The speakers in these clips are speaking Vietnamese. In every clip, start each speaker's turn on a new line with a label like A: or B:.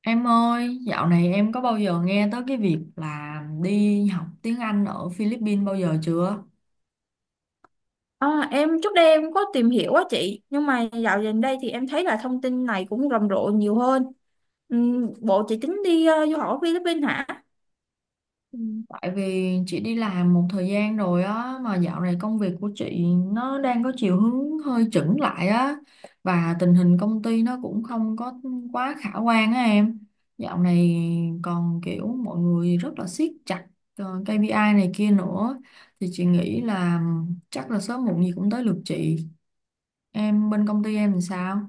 A: Em ơi, dạo này em có bao giờ nghe tới cái việc là đi học tiếng Anh ở Philippines bao giờ chưa?
B: Em trước đây em có tìm hiểu á chị, nhưng mà dạo gần đây thì em thấy là thông tin này cũng rầm rộ nhiều hơn. Bộ chị tính đi du học ở Philippines hả?
A: Ừ. Tại vì chị đi làm một thời gian rồi á, mà dạo này công việc của chị nó đang có chiều hướng hơi chững lại á, và tình hình công ty nó cũng không có quá khả quan á em. Dạo này còn kiểu mọi người rất là siết chặt KPI này kia nữa, thì chị nghĩ là chắc là sớm muộn gì cũng tới lượt chị. Em bên công ty em làm sao?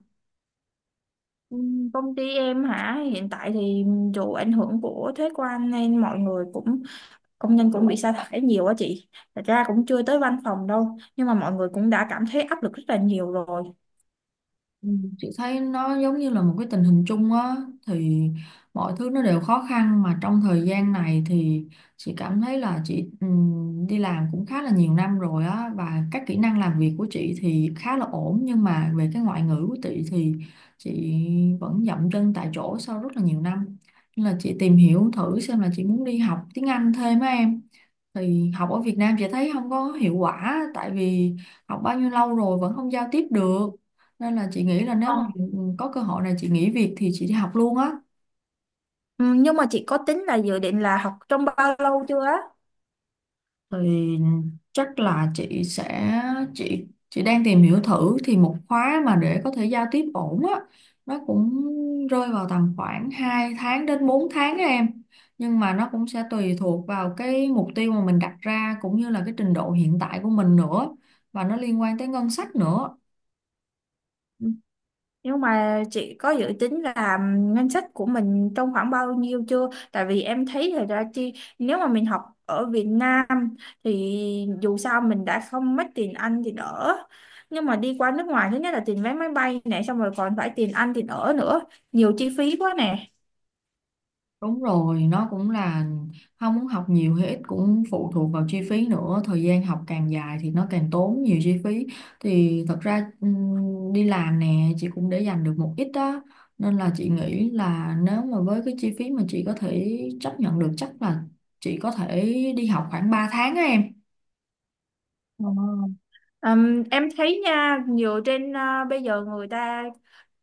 B: Công ty em hả? Hiện tại thì dù ảnh hưởng của thuế quan nên mọi người cũng, công nhân cũng bị sa thải nhiều á chị. Thật ra cũng chưa tới văn phòng đâu, nhưng mà mọi người cũng đã cảm thấy áp lực rất là nhiều rồi.
A: Ừ, chị thấy nó giống như là một cái tình hình chung á thì mọi thứ nó đều khó khăn mà trong thời gian này thì chị cảm thấy là chị đi làm cũng khá là nhiều năm rồi á, và các kỹ năng làm việc của chị thì khá là ổn, nhưng mà về cái ngoại ngữ của chị thì chị vẫn dậm chân tại chỗ sau rất là nhiều năm, nên là chị tìm hiểu thử xem là chị muốn đi học tiếng Anh thêm á em. Thì học ở Việt Nam chị thấy không có hiệu quả tại vì học bao nhiêu lâu rồi vẫn không giao tiếp được, nên là chị nghĩ là nếu
B: Ờ.
A: mà có cơ hội này chị nghỉ việc thì chị đi học luôn á.
B: Nhưng mà chị có tính là dự định là học trong bao lâu chưa á?
A: Thì chắc là chị sẽ chị chị đang tìm hiểu thử thì một khóa mà để có thể giao tiếp ổn á, nó cũng rơi vào tầm khoảng 2 tháng đến 4 tháng á em, nhưng mà nó cũng sẽ tùy thuộc vào cái mục tiêu mà mình đặt ra cũng như là cái trình độ hiện tại của mình nữa, và nó liên quan tới ngân sách nữa.
B: Nhưng mà chị có dự tính là ngân sách của mình trong khoảng bao nhiêu chưa? Tại vì em thấy là ra chi, nếu mà mình học ở Việt Nam thì dù sao mình đã không mất tiền ăn thì ở. Nhưng mà đi qua nước ngoài, thứ nhất là tiền vé máy bay nè, xong rồi còn phải tiền ăn tiền ở nữa, nhiều chi phí quá nè.
A: Đúng rồi, nó cũng là không muốn học nhiều hay ít cũng phụ thuộc vào chi phí nữa. Thời gian học càng dài thì nó càng tốn nhiều chi phí. Thì thật ra đi làm nè, chị cũng để dành được một ít đó. Nên là chị nghĩ là nếu mà với cái chi phí mà chị có thể chấp nhận được chắc là chị có thể đi học khoảng 3 tháng á em.
B: Ờ. Em thấy nha, nhiều trên bây giờ người ta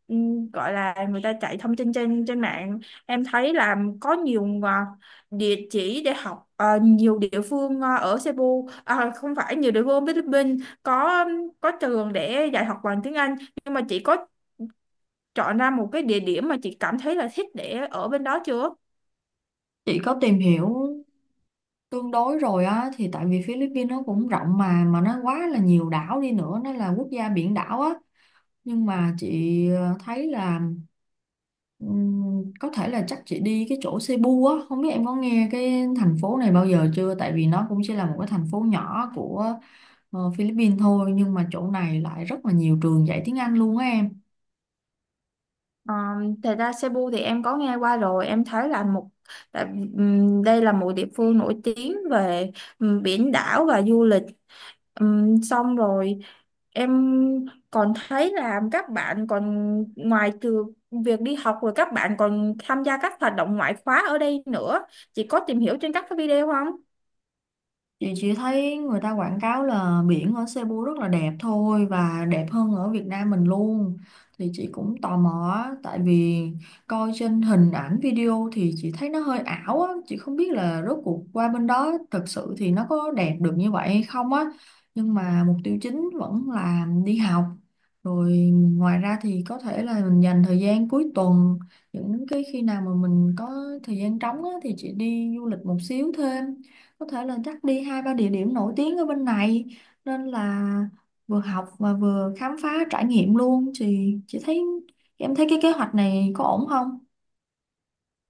B: gọi là người ta chạy thông tin trên trên mạng, em thấy là có nhiều địa chỉ để học, nhiều địa phương, ở Cebu, à, không phải, nhiều địa phương ở Philippines có trường để dạy học bằng tiếng Anh, nhưng mà chị có chọn ra một cái địa điểm mà chị cảm thấy là thích để ở bên đó chưa?
A: Chị có tìm hiểu tương đối rồi á, thì tại vì Philippines nó cũng rộng mà nó quá là nhiều đảo đi nữa, nó là quốc gia biển đảo á, nhưng mà chị thấy là có thể là chắc chị đi cái chỗ Cebu á, không biết em có nghe cái thành phố này bao giờ chưa, tại vì nó cũng chỉ là một cái thành phố nhỏ của Philippines thôi, nhưng mà chỗ này lại rất là nhiều trường dạy tiếng Anh luôn á em.
B: Ờ, thật ra Cebu thì em có nghe qua rồi. Em thấy là một, tại, đây là một địa phương nổi tiếng về biển đảo và du lịch. Xong rồi em còn thấy là các bạn còn, ngoài từ việc đi học rồi, các bạn còn tham gia các hoạt động ngoại khóa ở đây nữa. Chị có tìm hiểu trên các cái video không?
A: Chị chỉ thấy người ta quảng cáo là biển ở Cebu rất là đẹp thôi và đẹp hơn ở Việt Nam mình luôn. Thì chị cũng tò mò á, tại vì coi trên hình ảnh video thì chị thấy nó hơi ảo á, chị không biết là rốt cuộc qua bên đó thực sự thì nó có đẹp được như vậy hay không á. Nhưng mà mục tiêu chính vẫn là đi học. Rồi ngoài ra thì có thể là mình dành thời gian cuối tuần, những cái khi nào mà mình có thời gian trống á, thì chị đi du lịch một xíu thêm, có thể là chắc đi hai ba địa điểm nổi tiếng ở bên này, nên là vừa học và vừa khám phá trải nghiệm luôn thì chị thấy em thấy cái kế hoạch này có ổn không?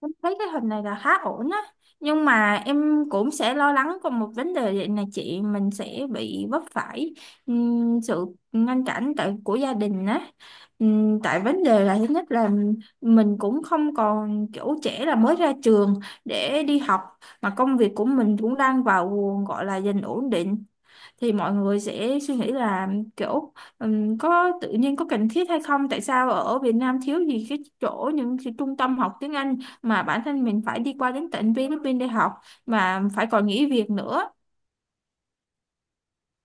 B: Em thấy cái hình này là khá ổn á, nhưng mà em cũng sẽ lo lắng còn một vấn đề, vậy là chị mình sẽ bị vấp phải sự ngăn cản tại của gia đình á. Tại vấn đề là, thứ nhất là mình cũng không còn kiểu trẻ là mới ra trường để đi học, mà công việc của mình cũng đang vào, gọi là dần ổn định, thì mọi người sẽ suy nghĩ là kiểu có tự nhiên có cần thiết hay không, tại sao ở Việt Nam thiếu gì cái chỗ, những cái trung tâm học tiếng Anh, mà bản thân mình phải đi qua đến tận Philippines để học, mà phải còn nghỉ việc nữa.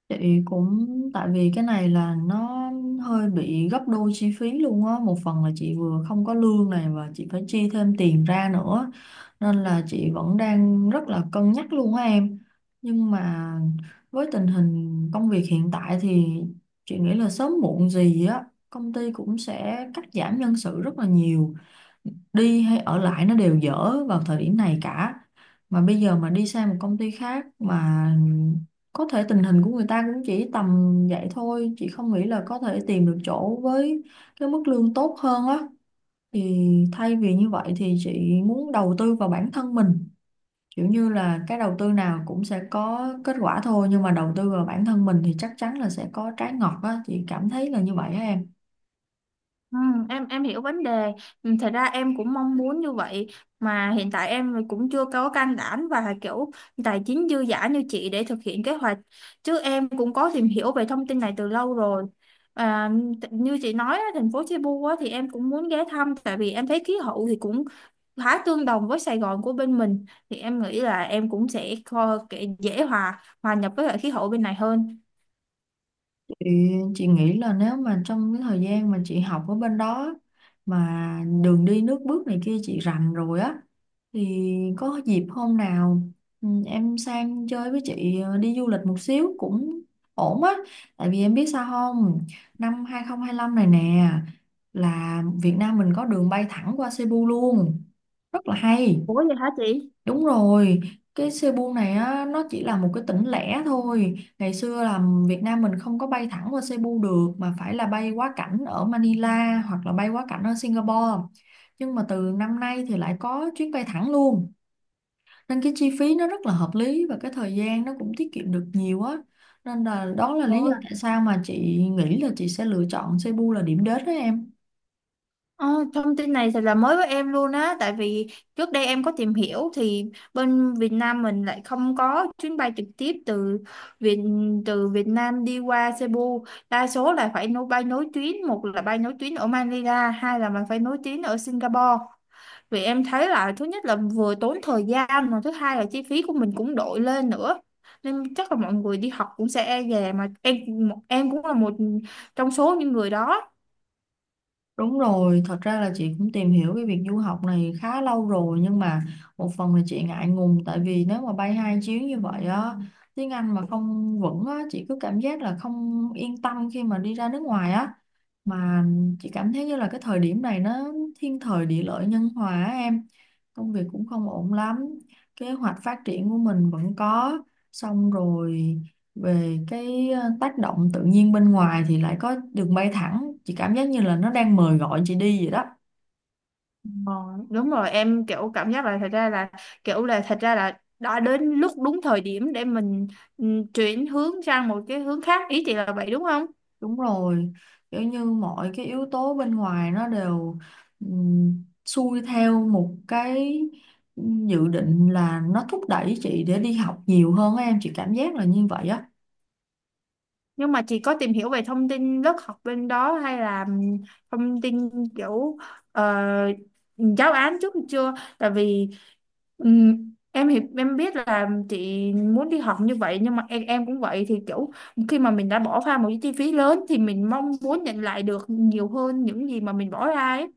A: Chị cũng tại vì cái này là nó hơi bị gấp đôi chi phí luôn á, một phần là chị vừa không có lương này và chị phải chi thêm tiền ra nữa, nên là chị vẫn đang rất là cân nhắc luôn á em. Nhưng mà với tình hình công việc hiện tại thì chị nghĩ là sớm muộn gì á, công ty cũng sẽ cắt giảm nhân sự rất là nhiều, đi hay ở lại nó đều dở vào thời điểm này cả. Mà bây giờ mà đi sang một công ty khác mà có thể tình hình của người ta cũng chỉ tầm vậy thôi, chị không nghĩ là có thể tìm được chỗ với cái mức lương tốt hơn á. Thì thay vì như vậy thì chị muốn đầu tư vào bản thân mình, kiểu như là cái đầu tư nào cũng sẽ có kết quả thôi, nhưng mà đầu tư vào bản thân mình thì chắc chắn là sẽ có trái ngọt á, chị cảm thấy là như vậy á em.
B: Ừ, em hiểu vấn đề. Ừ, thật ra em cũng mong muốn như vậy, mà hiện tại em cũng chưa có can đảm và kiểu tài chính dư dả như chị để thực hiện kế hoạch, chứ em cũng có tìm hiểu về thông tin này từ lâu rồi. à, Như chị nói á, thành phố Cebu á, thì em cũng muốn ghé thăm, tại vì em thấy khí hậu thì cũng khá tương đồng với Sài Gòn của bên mình, thì em nghĩ là em cũng sẽ dễ hòa hòa nhập với lại khí hậu bên này hơn.
A: Thì chị nghĩ là nếu mà trong cái thời gian mà chị học ở bên đó mà đường đi nước bước này kia chị rành rồi á, thì có dịp hôm nào ừ, em sang chơi với chị đi du lịch một xíu cũng ổn á, tại vì em biết sao không, năm 2025 này nè là Việt Nam mình có đường bay thẳng qua Cebu luôn, rất là hay.
B: Ủa vậy hả chị?
A: Đúng rồi, cái Cebu này á, nó chỉ là một cái tỉnh lẻ thôi. Ngày xưa là Việt Nam mình không có bay thẳng qua Cebu được mà phải là bay quá cảnh ở Manila hoặc là bay quá cảnh ở Singapore. Nhưng mà từ năm nay thì lại có chuyến bay thẳng luôn. Nên cái chi phí nó rất là hợp lý và cái thời gian nó cũng tiết kiệm được nhiều á. Nên là đó là lý do tại sao mà chị nghĩ là chị sẽ lựa chọn Cebu là điểm đến đó em.
B: Ờ, thông tin này thật là mới với em luôn á, tại vì trước đây em có tìm hiểu thì bên Việt Nam mình lại không có chuyến bay trực tiếp từ Việt từ Việt Nam đi qua Cebu, đa số là phải nối bay nối tuyến, một là bay nối tuyến ở Manila, hai là mình phải nối tuyến ở Singapore, vì em thấy là thứ nhất là vừa tốn thời gian, mà thứ hai là chi phí của mình cũng đội lên nữa, nên chắc là mọi người đi học cũng sẽ e dè mà. Em cũng là một trong số những người đó.
A: Đúng rồi, thật ra là chị cũng tìm hiểu cái việc du học này khá lâu rồi, nhưng mà một phần là chị ngại ngùng tại vì nếu mà bay hai chuyến như vậy á, tiếng Anh mà không vững á, chị cứ cảm giác là không yên tâm khi mà đi ra nước ngoài á. Mà chị cảm thấy như là cái thời điểm này nó thiên thời địa lợi nhân hòa á em, công việc cũng không ổn lắm, kế hoạch phát triển của mình vẫn có, xong rồi về cái tác động tự nhiên bên ngoài thì lại có đường bay thẳng, chị cảm giác như là nó đang mời gọi chị đi vậy đó.
B: Ờ, đúng rồi, em kiểu cảm giác là thật ra là, đã đến lúc đúng thời điểm để mình, ừ, chuyển hướng sang một cái hướng khác, ý chị là vậy đúng không?
A: Đúng rồi, kiểu như mọi cái yếu tố bên ngoài nó đều xuôi theo một cái dự định, là nó thúc đẩy chị để đi học nhiều hơn á em, chị cảm giác là như vậy á.
B: Nhưng mà chị có tìm hiểu về thông tin lớp học bên đó hay là, ừ, thông tin kiểu, ờ, giáo án trước chưa? Tại vì, ừ, em hiểu, em biết là chị muốn đi học như vậy, nhưng mà em cũng vậy, thì kiểu khi mà mình đã bỏ ra một cái chi phí lớn thì mình mong muốn nhận lại được nhiều hơn những gì mà mình bỏ ra ấy.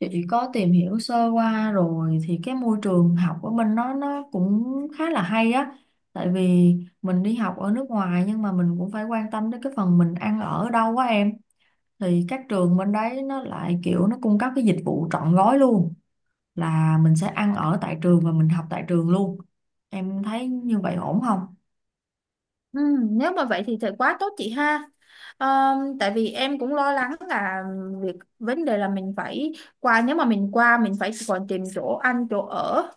A: Chị có tìm hiểu sơ qua rồi thì cái môi trường học ở bên nó cũng khá là hay á. Tại vì mình đi học ở nước ngoài nhưng mà mình cũng phải quan tâm đến cái phần mình ăn ở ở đâu quá em. Thì các trường bên đấy nó lại kiểu nó cung cấp cái dịch vụ trọn gói luôn, là mình sẽ ăn ở tại trường và mình học tại trường luôn. Em thấy như vậy ổn không?
B: Ừ, nếu mà vậy thì thật quá tốt chị ha. Ờ, tại vì em cũng lo lắng là việc vấn đề là mình phải qua, nếu mà mình qua mình phải còn tìm chỗ ăn chỗ ở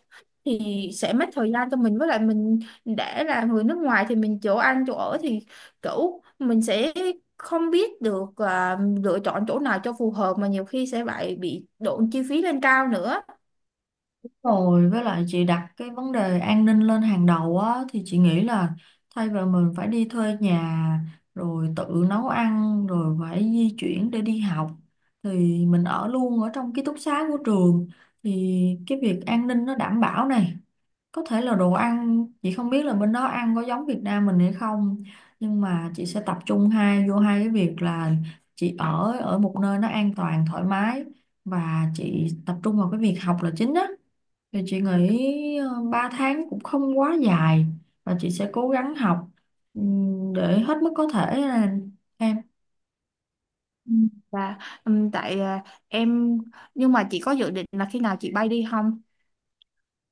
B: thì sẽ mất thời gian cho mình, với lại mình để là người nước ngoài thì mình chỗ ăn chỗ ở thì kiểu mình sẽ không biết được, lựa chọn chỗ nào cho phù hợp, mà nhiều khi sẽ lại bị độn chi phí lên cao nữa.
A: Rồi với lại chị đặt cái vấn đề an ninh lên hàng đầu á, thì chị nghĩ là thay vì mình phải đi thuê nhà rồi tự nấu ăn rồi phải di chuyển để đi học thì mình ở luôn ở trong ký túc xá của trường, thì cái việc an ninh nó đảm bảo này, có thể là đồ ăn chị không biết là bên đó ăn có giống Việt Nam mình hay không, nhưng mà chị sẽ tập trung hai vô hai cái việc là chị ở ở một nơi nó an toàn thoải mái và chị tập trung vào cái việc học là chính á. Thì chị nghĩ 3 tháng cũng không quá dài và chị sẽ cố gắng học để hết mức có thể là em.
B: Ừ, và tại, em, nhưng mà chị có dự định là khi nào chị bay đi không?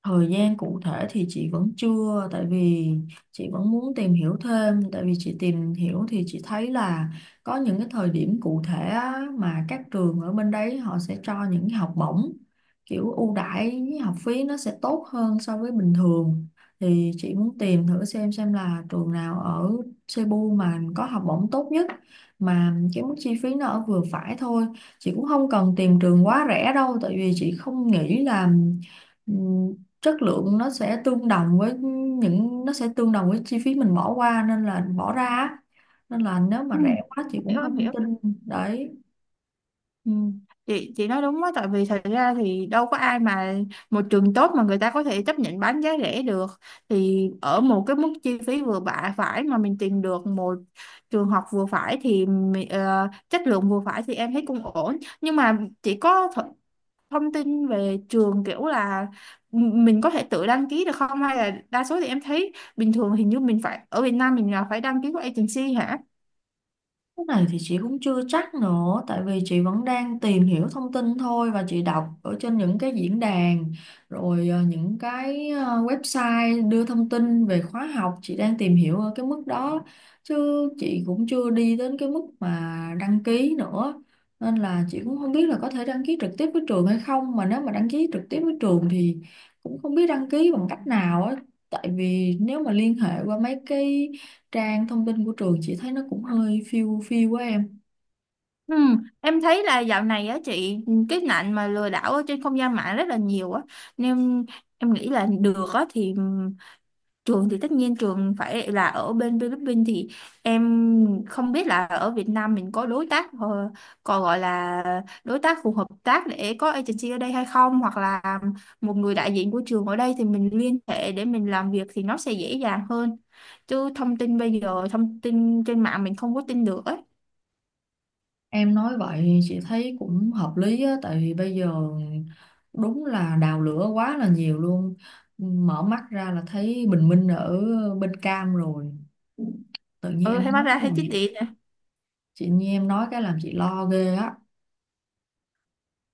A: Thời gian cụ thể thì chị vẫn chưa, tại vì chị vẫn muốn tìm hiểu thêm, tại vì chị tìm hiểu thì chị thấy là có những cái thời điểm cụ thể á, mà các trường ở bên đấy họ sẽ cho những học bổng kiểu ưu đãi học phí nó sẽ tốt hơn so với bình thường. Thì chị muốn tìm thử xem là trường nào ở Cebu mà có học bổng tốt nhất mà cái mức chi phí nó ở vừa phải thôi. Chị cũng không cần tìm trường quá rẻ đâu, tại vì chị không nghĩ là chất lượng nó sẽ tương đồng với chi phí mình bỏ qua nên là bỏ ra á. Nên là nếu mà
B: Ừ,
A: rẻ quá chị cũng
B: hiểu, em
A: không
B: hiểu.
A: tin đấy.
B: Ừ. Chị nói đúng á, tại vì thật ra thì đâu có ai mà một trường tốt mà người ta có thể chấp nhận bán giá rẻ được, thì ở một cái mức chi phí vừa bạ phải mà mình tìm được một trường học vừa phải thì chất lượng vừa phải thì em thấy cũng ổn. Nhưng mà chị có thông tin về trường kiểu là mình có thể tự đăng ký được không, hay là đa số thì em thấy bình thường hình như mình phải, ở Việt Nam mình là phải đăng ký qua agency hả?
A: Cái này thì chị cũng chưa chắc nữa, tại vì chị vẫn đang tìm hiểu thông tin thôi và chị đọc ở trên những cái diễn đàn, rồi những cái website đưa thông tin về khóa học, chị đang tìm hiểu ở cái mức đó, chứ chị cũng chưa đi đến cái mức mà đăng ký nữa. Nên là chị cũng không biết là có thể đăng ký trực tiếp với trường hay không, mà nếu mà đăng ký trực tiếp với trường thì cũng không biết đăng ký bằng cách nào á. Tại vì nếu mà liên hệ qua mấy cái trang thông tin của trường chị thấy nó cũng hơi phiêu phiêu quá em.
B: Ừ, em thấy là dạo này á chị, cái nạn mà lừa đảo ở trên không gian mạng rất là nhiều á, nên em nghĩ là được á thì trường thì tất nhiên trường phải là ở bên Philippines, thì em không biết là ở Việt Nam mình có đối tác còn gọi là đối tác phù hợp tác để có agency ở đây hay không, hoặc là một người đại diện của trường ở đây thì mình liên hệ để mình làm việc thì nó sẽ dễ dàng hơn, chứ thông tin bây giờ, thông tin trên mạng mình không có tin được ấy.
A: Em nói vậy chị thấy cũng hợp lý á, tại vì bây giờ đúng là đào lửa quá là nhiều luôn, mở mắt ra là thấy bình minh ở bên cam rồi, tự nhiên
B: Ừ,
A: em
B: em nói
A: nói cái
B: ra thấy
A: làm
B: chứ,
A: chị lo ghê á.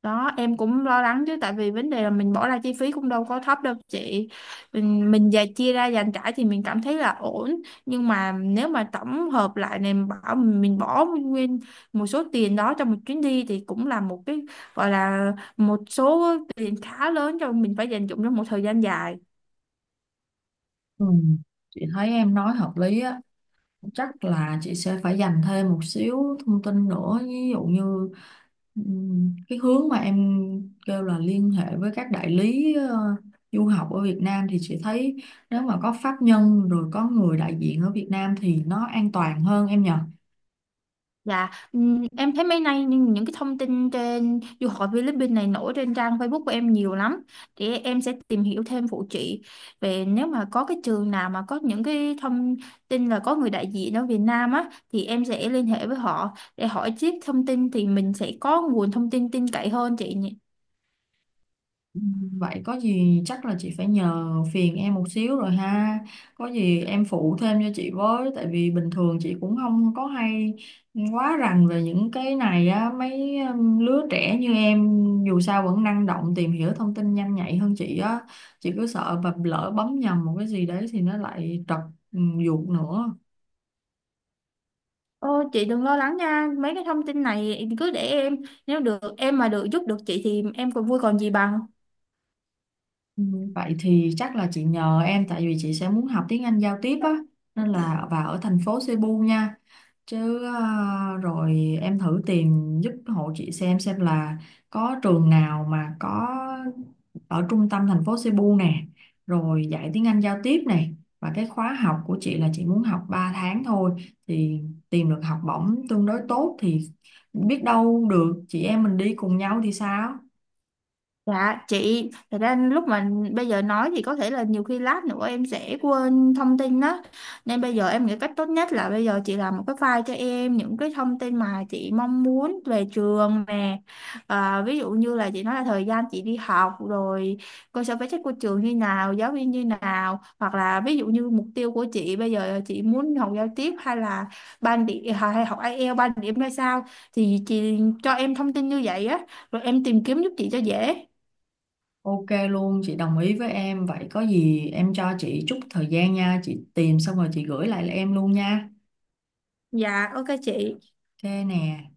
B: đó, em cũng lo lắng chứ, tại vì vấn đề là mình bỏ ra chi phí cũng đâu có thấp đâu chị. Mình dành chia ra dành trải thì mình cảm thấy là ổn, nhưng mà nếu mà tổng hợp lại này, mình bảo mình bỏ nguyên một số tiền đó cho một chuyến đi thì cũng là một cái, gọi là, một số tiền khá lớn cho mình phải dành dụm trong một thời gian dài.
A: Ừ. Chị thấy em nói hợp lý á, chắc là chị sẽ phải dành thêm một xíu thông tin nữa, ví dụ như cái hướng mà em kêu là liên hệ với các đại lý du học ở Việt Nam, thì chị thấy nếu mà có pháp nhân rồi có người đại diện ở Việt Nam thì nó an toàn hơn em nhỉ.
B: Dạ, em thấy mấy nay những cái thông tin trên du học Philippines này nổi trên trang Facebook của em nhiều lắm. Thì em sẽ tìm hiểu thêm phụ chị về, nếu mà có cái trường nào mà có những cái thông tin là có người đại diện ở Việt Nam á, thì em sẽ liên hệ với họ để hỏi tiếp thông tin, thì mình sẽ có nguồn thông tin tin cậy hơn chị nhỉ.
A: Ừ, vậy có gì chắc là chị phải nhờ phiền em một xíu rồi ha. Có gì em phụ thêm cho chị với, tại vì bình thường chị cũng không có hay quá rành về những cái này á, mấy lứa trẻ như em dù sao vẫn năng động tìm hiểu thông tin nhanh nhạy hơn chị á. Chị cứ sợ và lỡ bấm nhầm một cái gì đấy thì nó lại trật ừ, ruột nữa.
B: Ô, chị đừng lo lắng nha, mấy cái thông tin này cứ để em, nếu được em mà được giúp được chị thì em còn vui còn gì bằng.
A: Ừ, vậy thì chắc là chị nhờ em, tại vì chị sẽ muốn học tiếng Anh giao tiếp á, nên là và ở thành phố Cebu nha, chứ à, rồi em thử tìm giúp hộ chị xem là có trường nào mà có ở trung tâm thành phố Cebu nè, rồi dạy tiếng Anh giao tiếp này, và cái khóa học của chị là chị muốn học 3 tháng thôi, thì tìm được học bổng tương đối tốt thì biết đâu được chị em mình đi cùng nhau thì sao.
B: Dạ chị, thật ra lúc mà bây giờ nói thì có thể là nhiều khi lát nữa em sẽ quên thông tin đó. Nên bây giờ em nghĩ cách tốt nhất là bây giờ chị làm một cái file cho em những cái thông tin mà chị mong muốn về trường nè. À, ví dụ như là chị nói là thời gian chị đi học rồi cơ sở vật chất của trường như nào, giáo viên như nào. Hoặc là ví dụ như mục tiêu của chị bây giờ chị muốn học giao tiếp hay là ban điểm, hay học IELTS ban điểm ra sao, thì chị cho em thông tin như vậy á, rồi em tìm kiếm giúp chị cho dễ.
A: OK luôn, chị đồng ý với em. Vậy có gì em cho chị chút thời gian nha, chị tìm xong rồi chị gửi lại em luôn nha.
B: Dạ, ok chị.
A: OK nè.